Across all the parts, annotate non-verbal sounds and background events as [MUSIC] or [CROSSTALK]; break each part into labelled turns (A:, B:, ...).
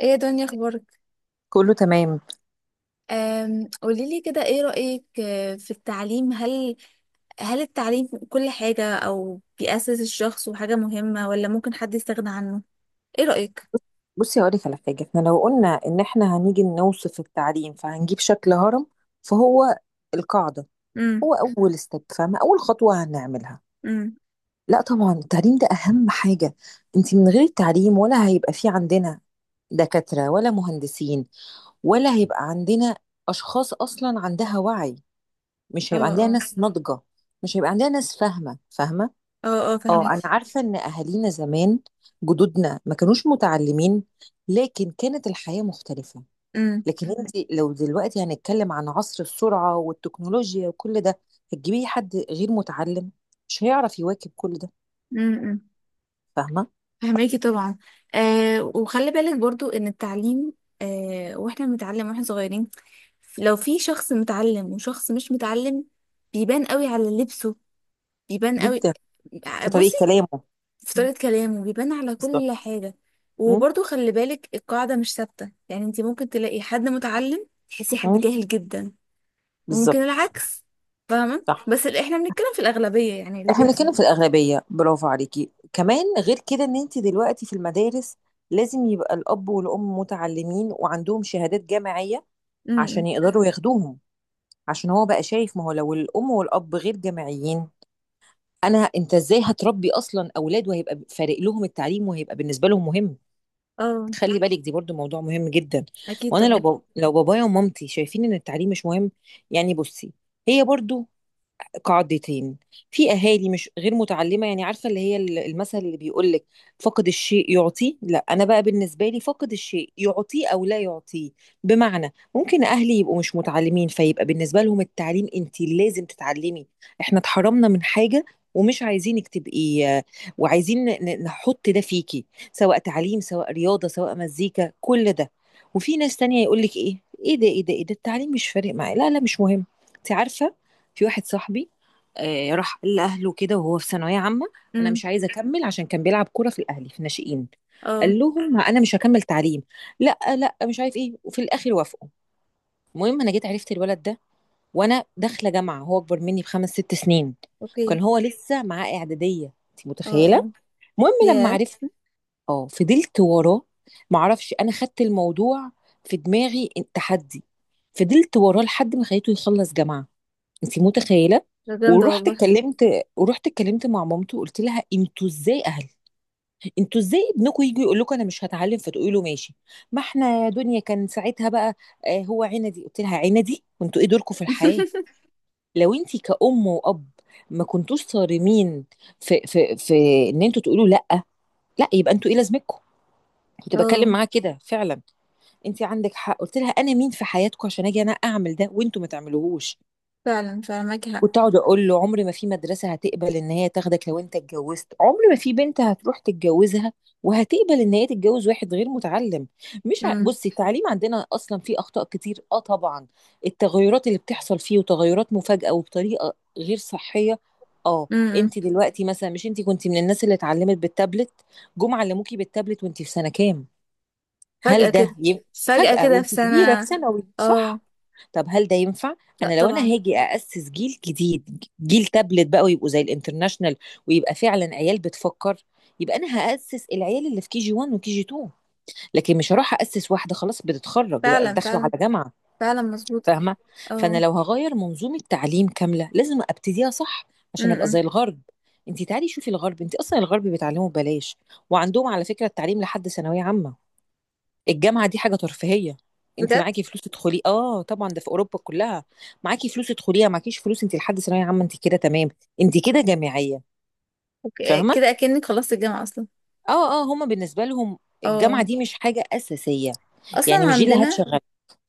A: ايه يا دنيا اخبارك؟
B: كله تمام.
A: قوليلي كده ايه رأيك في التعليم. هل التعليم كل حاجة او بيأسس الشخص وحاجة مهمة، ولا ممكن حد يستغنى عنه؟ ايه رأيك؟
B: بص- بصي هقولك على حاجة، احنا لو قلنا ان احنا هنيجي نوصف التعليم فهنجيب شكل هرم، فهو القاعدة،
A: امم.
B: هو اول ستيب، فاهمة؟ اول خطوة هنعملها.
A: امم.
B: لا طبعا التعليم ده اهم حاجة. انت من غير التعليم ولا هيبقى في عندنا دكاترة ولا مهندسين، ولا هيبقى عندنا اشخاص اصلا عندها وعي،
A: اه،
B: مش هيبقى عندنا
A: اه.
B: ناس ناضجة، مش هيبقى عندنا ناس فاهمة.
A: اه، اه،
B: اه انا
A: فهميكي.
B: عارفه ان اهالينا زمان، جدودنا ما كانوش متعلمين، لكن كانت الحياه مختلفه.
A: امم.
B: لكن انت لو دلوقتي هنتكلم عن عصر السرعه والتكنولوجيا وكل ده، هتجيبيه حد غير متعلم مش هيعرف يواكب كل ده.
A: امم.
B: فاهمه؟
A: فهميكي طبعا. وخلي بالك برضو ان التعليم، واحنا بنتعلم واحنا صغيرين، لو في شخص متعلم وشخص مش متعلم بيبان قوي على لبسه، بيبان قوي.
B: جدا، في طريقه
A: بصي،
B: كلامه.
A: في
B: مم.
A: طريقة كلامه بيبان على كل
B: بالظبط.
A: حاجة.
B: م?
A: وبرضه خلي بالك القاعدة مش ثابتة، يعني انت ممكن تلاقي حد متعلم تحسيه حد
B: م?
A: جاهل جدا، وممكن
B: بالظبط.
A: العكس. فاهمة،
B: صح،
A: بس اللي احنا بنتكلم في الأغلبية يعني اللي
B: احنا
A: بيحصل.
B: بنتكلم في الاغلبيه. برافو عليكي. كمان غير كده ان انت دلوقتي في المدارس لازم يبقى الاب والام متعلمين وعندهم شهادات جامعيه
A: امم.
B: عشان يقدروا ياخدوهم، عشان هو بقى شايف، ما هو لو الام والاب غير جامعيين، انا انت ازاي هتربي اصلا اولاد وهيبقى فارق لهم التعليم وهيبقى بالنسبه لهم مهم؟
A: اه،
B: خلي بالك دي برضو موضوع مهم جدا.
A: اكيد
B: وانا لو
A: طبعا.
B: لو بابايا ومامتي شايفين ان التعليم مش مهم، يعني بصي، هي برضو قاعدتين. في اهالي مش غير متعلمه يعني، عارفه اللي هي المثل اللي بيقول لك فقد الشيء يعطيه؟ لا، انا بقى بالنسبه لي فقد الشيء يعطيه او لا يعطيه. بمعنى ممكن اهلي يبقوا مش متعلمين فيبقى بالنسبه لهم التعليم، انت لازم تتعلمي، احنا اتحرمنا من حاجه ومش عايزينك تبقي، وعايزين نحط ده فيكي، سواء تعليم سواء رياضه سواء مزيكا كل ده. وفي ناس تانية يقول لك ايه؟ ايه ده ايه ده ايه ده، التعليم مش فارق معايا، لا لا مش مهم. انت عارفه، في واحد صاحبي راح قال لأهله كده وهو في ثانوية عامة، أنا
A: امم.
B: مش عايز أكمل، عشان كان بيلعب كورة في الأهلي في ناشئين.
A: اه.
B: قال لهم أنا مش هكمل تعليم، لا لا مش عارف إيه، وفي الآخر وافقوا. المهم أنا جيت عرفت الولد ده وأنا داخلة جامعة، هو أكبر مني بخمس ست سنين،
A: اوكي.
B: كان هو لسه معاه إعدادية، أنت
A: اه،
B: متخيلة؟
A: اه.
B: المهم لما
A: ياه،
B: عرفنا، اه فضلت وراه، معرفش أنا خدت الموضوع في دماغي تحدي، فضلت وراه لحد ما خليته يخلص جامعة، انت متخيله؟
A: ده جامدة
B: ورحت
A: والله.
B: اتكلمت، ورحت اتكلمت مع مامته، قلت لها انتوا ازاي اهل؟ انتوا ازاي ابنكم يجي يقول لكم انا مش هتعلم فتقولي له ماشي؟ ما احنا يا دنيا كان ساعتها بقى آه هو عندي، قلت لها عندي وانتوا ايه دوركم في الحياه؟
A: [LAUGHS]
B: لو انت كأم وأب ما كنتوش صارمين في ان انتوا تقولوا لا، لا يبقى انتوا ايه لازمتكم؟ كنت بتكلم
A: اه،
B: معاها كده فعلا. انت عندك حق، قلت لها انا مين في حياتكم عشان اجي انا اعمل ده وانتوا ما تعملوهوش؟
A: فعلا فعلا معاكي حق.
B: كنت اقعد اقول له عمر ما في مدرسه هتقبل ان هي تاخدك، لو انت اتجوزت عمر ما في بنت هتروح تتجوزها وهتقبل ان هي تتجوز واحد غير متعلم. مش ع...
A: امم.
B: بصي التعليم عندنا اصلا فيه اخطاء كتير، اه طبعا، التغيرات اللي بتحصل فيه وتغيرات مفاجئه وبطريقه غير صحيه. اه
A: امم.
B: انت دلوقتي مثلا، مش انت كنت من الناس اللي اتعلمت بالتابلت؟ جم علموكي بالتابلت وانت في سنه كام؟
A: فجأة
B: هل ده
A: كده،
B: ي...
A: فجأة
B: فجأة
A: كده في
B: وانت كبيرة في
A: سنة.
B: ثانوي،
A: اه.
B: صح؟ طب هل ده ينفع؟
A: لا
B: انا لو انا
A: طبعا.
B: هاجي اسس جيل جديد، جيل تابلت بقى، ويبقوا زي الانترناشنال ويبقى فعلا عيال بتفكر، يبقى انا هاسس العيال اللي في كي جي 1 وكي جي 2، لكن مش هروح اسس واحده خلاص بتتخرج
A: فعلا
B: داخله على
A: فعلا.
B: جامعه.
A: فعلا مظبوط.
B: فاهمه؟ فانا
A: اه.
B: لو هغير منظومه تعليم كامله لازم ابتديها صح عشان ابقى زي
A: امم.
B: الغرب. انت تعالي شوفي الغرب، انت اصلا الغرب بيتعلموا ببلاش، وعندهم على فكره التعليم لحد ثانويه عامه، الجامعة دي حاجة ترفيهية. انت
A: بجد.
B: معاكي فلوس تدخلي، اه طبعا، ده في اوروبا كلها، معاكي فلوس تدخليها، معكيش فلوس انت لحد ثانوية عامة انت كده تمام، انت كده جامعية.
A: اوكي،
B: فاهمة؟
A: كده اكنك خلصت الجامعه اصلا.
B: اه اه، هما بالنسبة لهم الجامعة
A: اه.
B: دي مش حاجة أساسية، يعني
A: اصلا
B: مش دي اللي
A: عندنا.
B: هتشغل.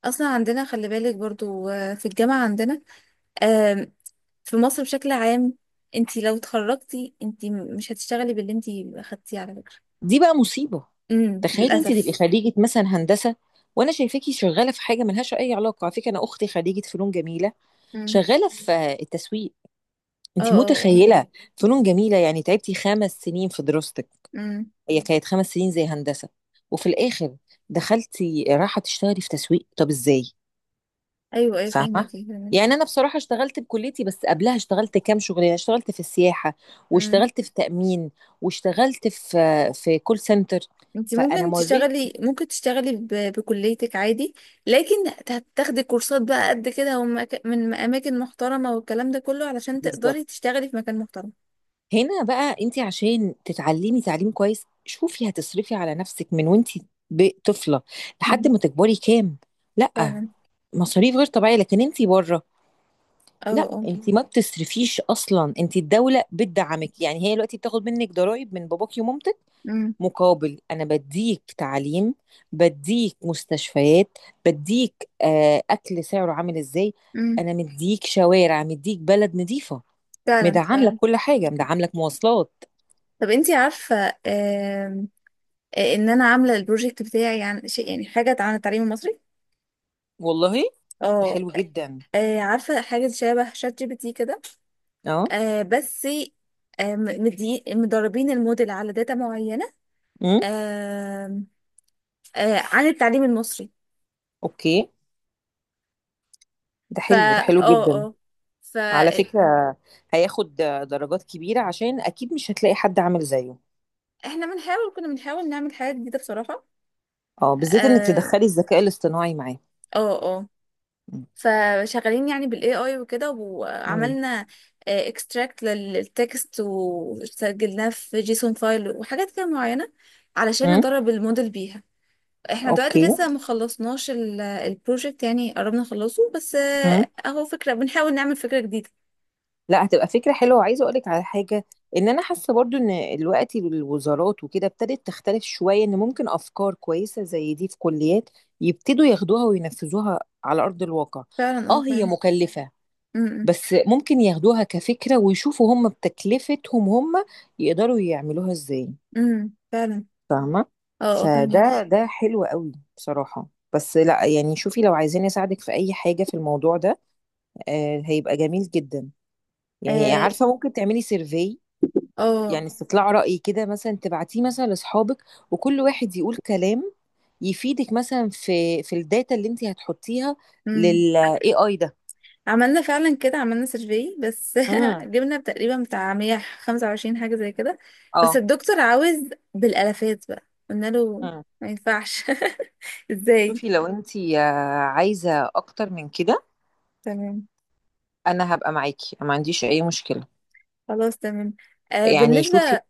A: اصلا عندنا خلي بالك برضو في الجامعه عندنا، آم، في مصر بشكل عام، انت لو اتخرجتي انت مش هتشتغلي باللي انت اخدتيه على فكره.
B: دي بقى مصيبة،
A: امم،
B: تخيلي انت تبقي
A: للاسف.
B: خريجة مثلا هندسة وانا شايفاكي شغالة في حاجة ملهاش أي علاقة. على فكرة انا اختي خريجة فنون جميلة
A: امم.
B: شغالة في التسويق،
A: اه،
B: انت
A: اه، اه.
B: متخيلة؟ فنون جميلة يعني تعبتي خمس سنين في دراستك،
A: امم.
B: هي كانت خمس سنين زي هندسة، وفي الآخر دخلتي راحة تشتغلي في تسويق، طب إزاي؟
A: ايوه، ايوه،
B: فاهمة؟
A: فهميكي، فهميكي.
B: يعني أنا بصراحة اشتغلت بكليتي، بس قبلها اشتغلت كام شغلانة، اشتغلت في السياحة واشتغلت في تأمين واشتغلت في كول سنتر،
A: انت
B: فأنا
A: ممكن
B: مريت.
A: تشتغلي ممكن تشتغلي ب... بكليتك عادي. لكن هتاخدي كورسات بقى قد كده من اماكن محترمة، والكلام ده كله علشان
B: بالظبط،
A: تقدري تشتغلي في مكان محترم.
B: هنا بقى أنت عشان تتعلمي تعليم كويس شوفي، هتصرفي على نفسك من وأنت طفلة لحد
A: مم.
B: ما تكبري كام؟ لأ،
A: فعلا.
B: مصاريف غير طبيعية. لكن أنت بره،
A: اه،
B: لا
A: اه.
B: انت ما بتصرفيش اصلا، انت الدوله بتدعمك، يعني هي دلوقتي بتاخد منك ضرائب من باباكي ومامتك،
A: امم.
B: مقابل انا بديك تعليم، بديك مستشفيات، بديك آه اكل سعره عامل ازاي،
A: امم.
B: انا مديك شوارع، مديك بلد نظيفه،
A: فعلا
B: مدعم لك
A: فعلا.
B: كل حاجه، مدعم لك مواصلات.
A: طب انتي عارفة، آم، ان انا عاملة البروجكت بتاعي عن شيء، يعني حاجة عن التعليم المصري.
B: والله ده
A: اه.
B: حلو جدا.
A: عارفة حاجة شبه شات جي بي تي كده.
B: اه.
A: بس مدربين الموديل على داتا
B: امم.
A: معينة، عن التعليم المصري.
B: اوكي، ده
A: فا
B: حلو ده حلو
A: اه،
B: جدا.
A: اه،
B: على
A: فاحنا
B: فكره هياخد درجات كبيره عشان اكيد مش هتلاقي حد عامل زيه.
A: كنا بنحاول نعمل حاجة جديدة بصراحة.
B: اه بالذات انك
A: اه،
B: تدخلي الذكاء الاصطناعي معاه.
A: اه. آه.
B: مم.
A: فشغالين يعني بالاي اي وكده،
B: مم.
A: وعملنا اكستراكت للتكست وسجلناه في جيسون فايل وحاجات كده معينة علشان
B: مم.
A: ندرب الموديل بيها. احنا دلوقتي
B: اوكي.
A: لسه مخلصناش البروجكت، يعني قربنا نخلصه بس
B: مم.
A: اهو، فكرة بنحاول نعمل فكرة جديدة.
B: لا هتبقى فكرة حلوة. وعايزة اقولك على حاجة، ان انا حاسة برضو ان الوقت الوزارات وكده ابتدت تختلف شوية، ان ممكن افكار كويسة زي دي في كليات يبتدوا ياخدوها وينفذوها على ارض الواقع.
A: فعلا، اه،
B: اه هي
A: فعلا.
B: مكلفة،
A: امم.
B: بس ممكن ياخدوها كفكرة ويشوفوا هم بتكلفتهم هم يقدروا يعملوها ازاي.
A: امم. فعلا،
B: فاهمة؟
A: اه، اه، فاهمك.
B: فده ده حلو قوي بصراحة. بس لا يعني، شوفي لو عايزين اساعدك في اي حاجة في الموضوع ده آه هيبقى جميل جدا. يعني
A: اه.
B: عارفة ممكن تعملي سيرفي،
A: آه.
B: يعني استطلاع رأي كده، مثلا تبعتيه مثلا لاصحابك وكل واحد يقول كلام يفيدك مثلا في الداتا اللي انت هتحطيها
A: أمم.
B: لل AI ده.
A: عملنا فعلا كده، عملنا سيرفي بس [LAUGHS]
B: امم.
A: جبنا تقريبا بتاع 125 حاجة زي كده. بس
B: اه.
A: الدكتور عاوز بالالافات بقى. قلنا له
B: امم.
A: ما ينفعش. [LAUGHS] ازاي؟
B: شوفي لو انت عايزة اكتر من كده،
A: تمام.
B: انا هبقى معاكي، ما عنديش اي مشكلة.
A: خلاص تمام. آه،
B: يعني شوفي.
A: بالنسبة،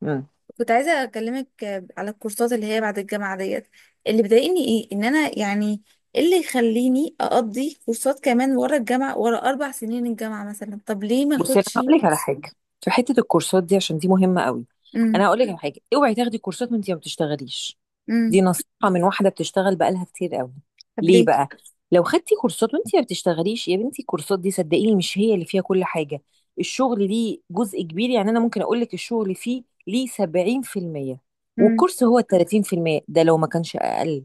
B: مم.
A: كنت عايزة أكلمك على الكورسات اللي هي بعد الجامعة ديت. اللي بيضايقني إيه، إن أنا يعني إيه اللي يخليني أقضي كورسات كمان ورا الجامعة، ورا 4 سنين الجامعة مثلا؟ طب ليه ما
B: بصي انا
A: أخدش؟
B: هقول لك على حاجه، في حته الكورسات دي، عشان دي مهمه قوي.
A: أمم.
B: انا هقول لك على حاجه، اوعي تاخدي كورسات وانت ما بتشتغليش.
A: أمم.
B: دي نصيحه من واحده بتشتغل بقالها كتير قوي.
A: طب
B: ليه
A: ليه؟
B: بقى؟ لو خدتي كورسات وانت ما بتشتغليش يا بنتي، الكورسات دي صدقيني مش هي اللي فيها كل حاجه، الشغل ليه جزء كبير. يعني انا ممكن اقول لك الشغل فيه ليه 70% والكورس هو 30%، ده لو ما كانش اقل.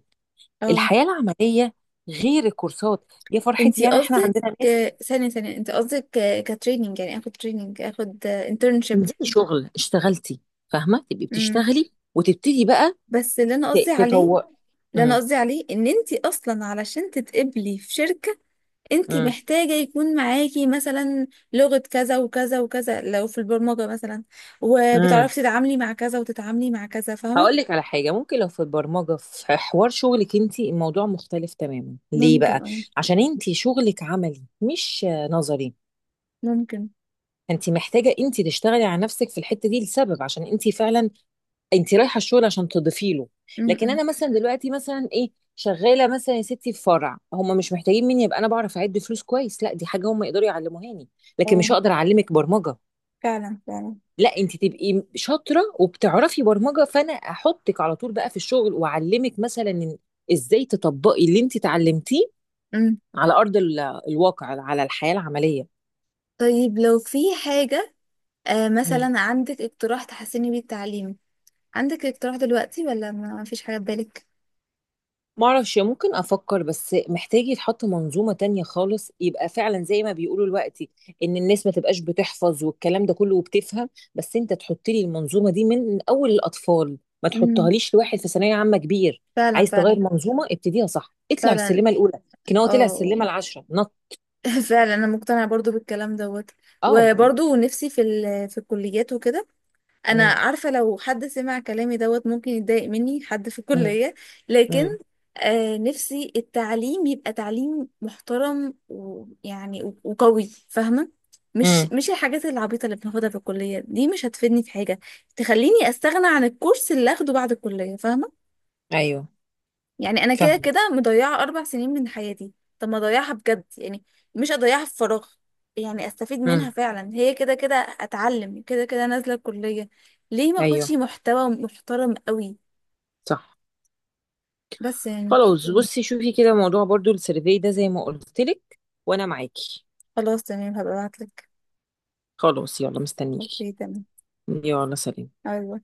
A: اه.
B: الحياه العمليه غير الكورسات يا فرحتي،
A: انتي
B: يعني احنا
A: قصدك
B: عندنا ناس.
A: ثانية ثانية، انتي قصدك كتريننج، يعني اخد تريننج اخد انترنشيب.
B: دي شغل اشتغلتي، فاهمه؟ تبقي
A: امم.
B: بتشتغلي وتبتدي بقى
A: بس اللي انا قصدي عليه،
B: تطور. امم.
A: ان انتي اصلا علشان تتقبلي في شركة، انتي
B: امم.
A: محتاجة يكون معاكي مثلا لغة كذا وكذا وكذا، لو في البرمجة مثلا،
B: امم.
A: وبتعرفي تتعاملي مع كذا وتتعاملي مع كذا.
B: هقول
A: فاهمة؟
B: لك على حاجه، ممكن لو في البرمجه في حوار شغلك انت الموضوع مختلف تماما. ليه
A: ممكن،
B: بقى؟
A: اه،
B: عشان انت شغلك عملي مش نظري،
A: ممكن.
B: انت محتاجه انت تشتغلي على نفسك في الحته دي، لسبب، عشان انت فعلا انت رايحه الشغل عشان تضيفي له. لكن
A: امم.
B: انا مثلا دلوقتي مثلا ايه، شغاله مثلا يا ستي في فرع، هم مش محتاجين مني يبقى انا بعرف اعد فلوس كويس، لا دي حاجه هم يقدروا يعلموهاني، لكن
A: اه،
B: مش هقدر اعلمك برمجه.
A: فعلا فعلا.
B: لا انت تبقي شاطره وبتعرفي برمجه، فانا احطك على طول بقى في الشغل واعلمك مثلا إن ازاي تطبقي اللي انت اتعلمتيه
A: امم.
B: على ارض الواقع، على الحياه العمليه.
A: طيب، لو في حاجة مثلا، عندك اقتراح تحسني بيه التعليم؟ عندك اقتراح دلوقتي ولا ما فيش حاجة في بالك؟
B: معرفش ممكن افكر، بس محتاج يتحط منظومة تانية خالص، يبقى فعلا زي ما بيقولوا دلوقتي ان الناس ما تبقاش بتحفظ والكلام ده كله وبتفهم، بس انت تحط لي المنظومة دي من اول الاطفال، ما
A: امم.
B: تحطهاليش لواحد في ثانوية عامة كبير.
A: فعلا
B: عايز
A: فعلا
B: تغير منظومة ابتديها صح، اطلع
A: فعلا.
B: السلمة الاولى، لكن هو طلع
A: اه.
B: السلمة العشرة نط.
A: [LAUGHS] فعلا انا مقتنعة برضو بالكلام دوت.
B: اه.
A: وبرضو نفسي في في الكليات وكده. انا
B: امم.
A: عارفه لو حد سمع كلامي دوت ممكن يتضايق مني حد في
B: امم.
A: الكليه. لكن
B: امم.
A: آه، نفسي التعليم يبقى تعليم محترم، ويعني وقوي. فاهمه؟ مش
B: امم.
A: مش الحاجات العبيطه اللي بناخدها في الكليه دي، مش هتفيدني في حاجه تخليني استغنى عن الكورس اللي اخده بعد الكليه. فاهمه؟
B: ايوه
A: يعني انا كده
B: فاهم.
A: كده مضيعه 4 سنين من حياتي. طب ما اضيعها بجد يعني، مش اضيعها في فراغ. يعني استفيد منها
B: امم.
A: فعلا، هي كده كده اتعلم، كده كده نازله الكليه. ليه ما
B: ايوه
A: اخدش محتوى محترم قوي؟
B: صح.
A: بس يعني.
B: خلاص بصي شوفي كده موضوع برضو السيرفي ده زي ما قلت لك، وانا معاكي.
A: خلاص، تمام، هبقى ابعتلك.
B: خلاص يلا مستنيكي.
A: اوكي تمام.
B: يلا سلام.
A: أيوة.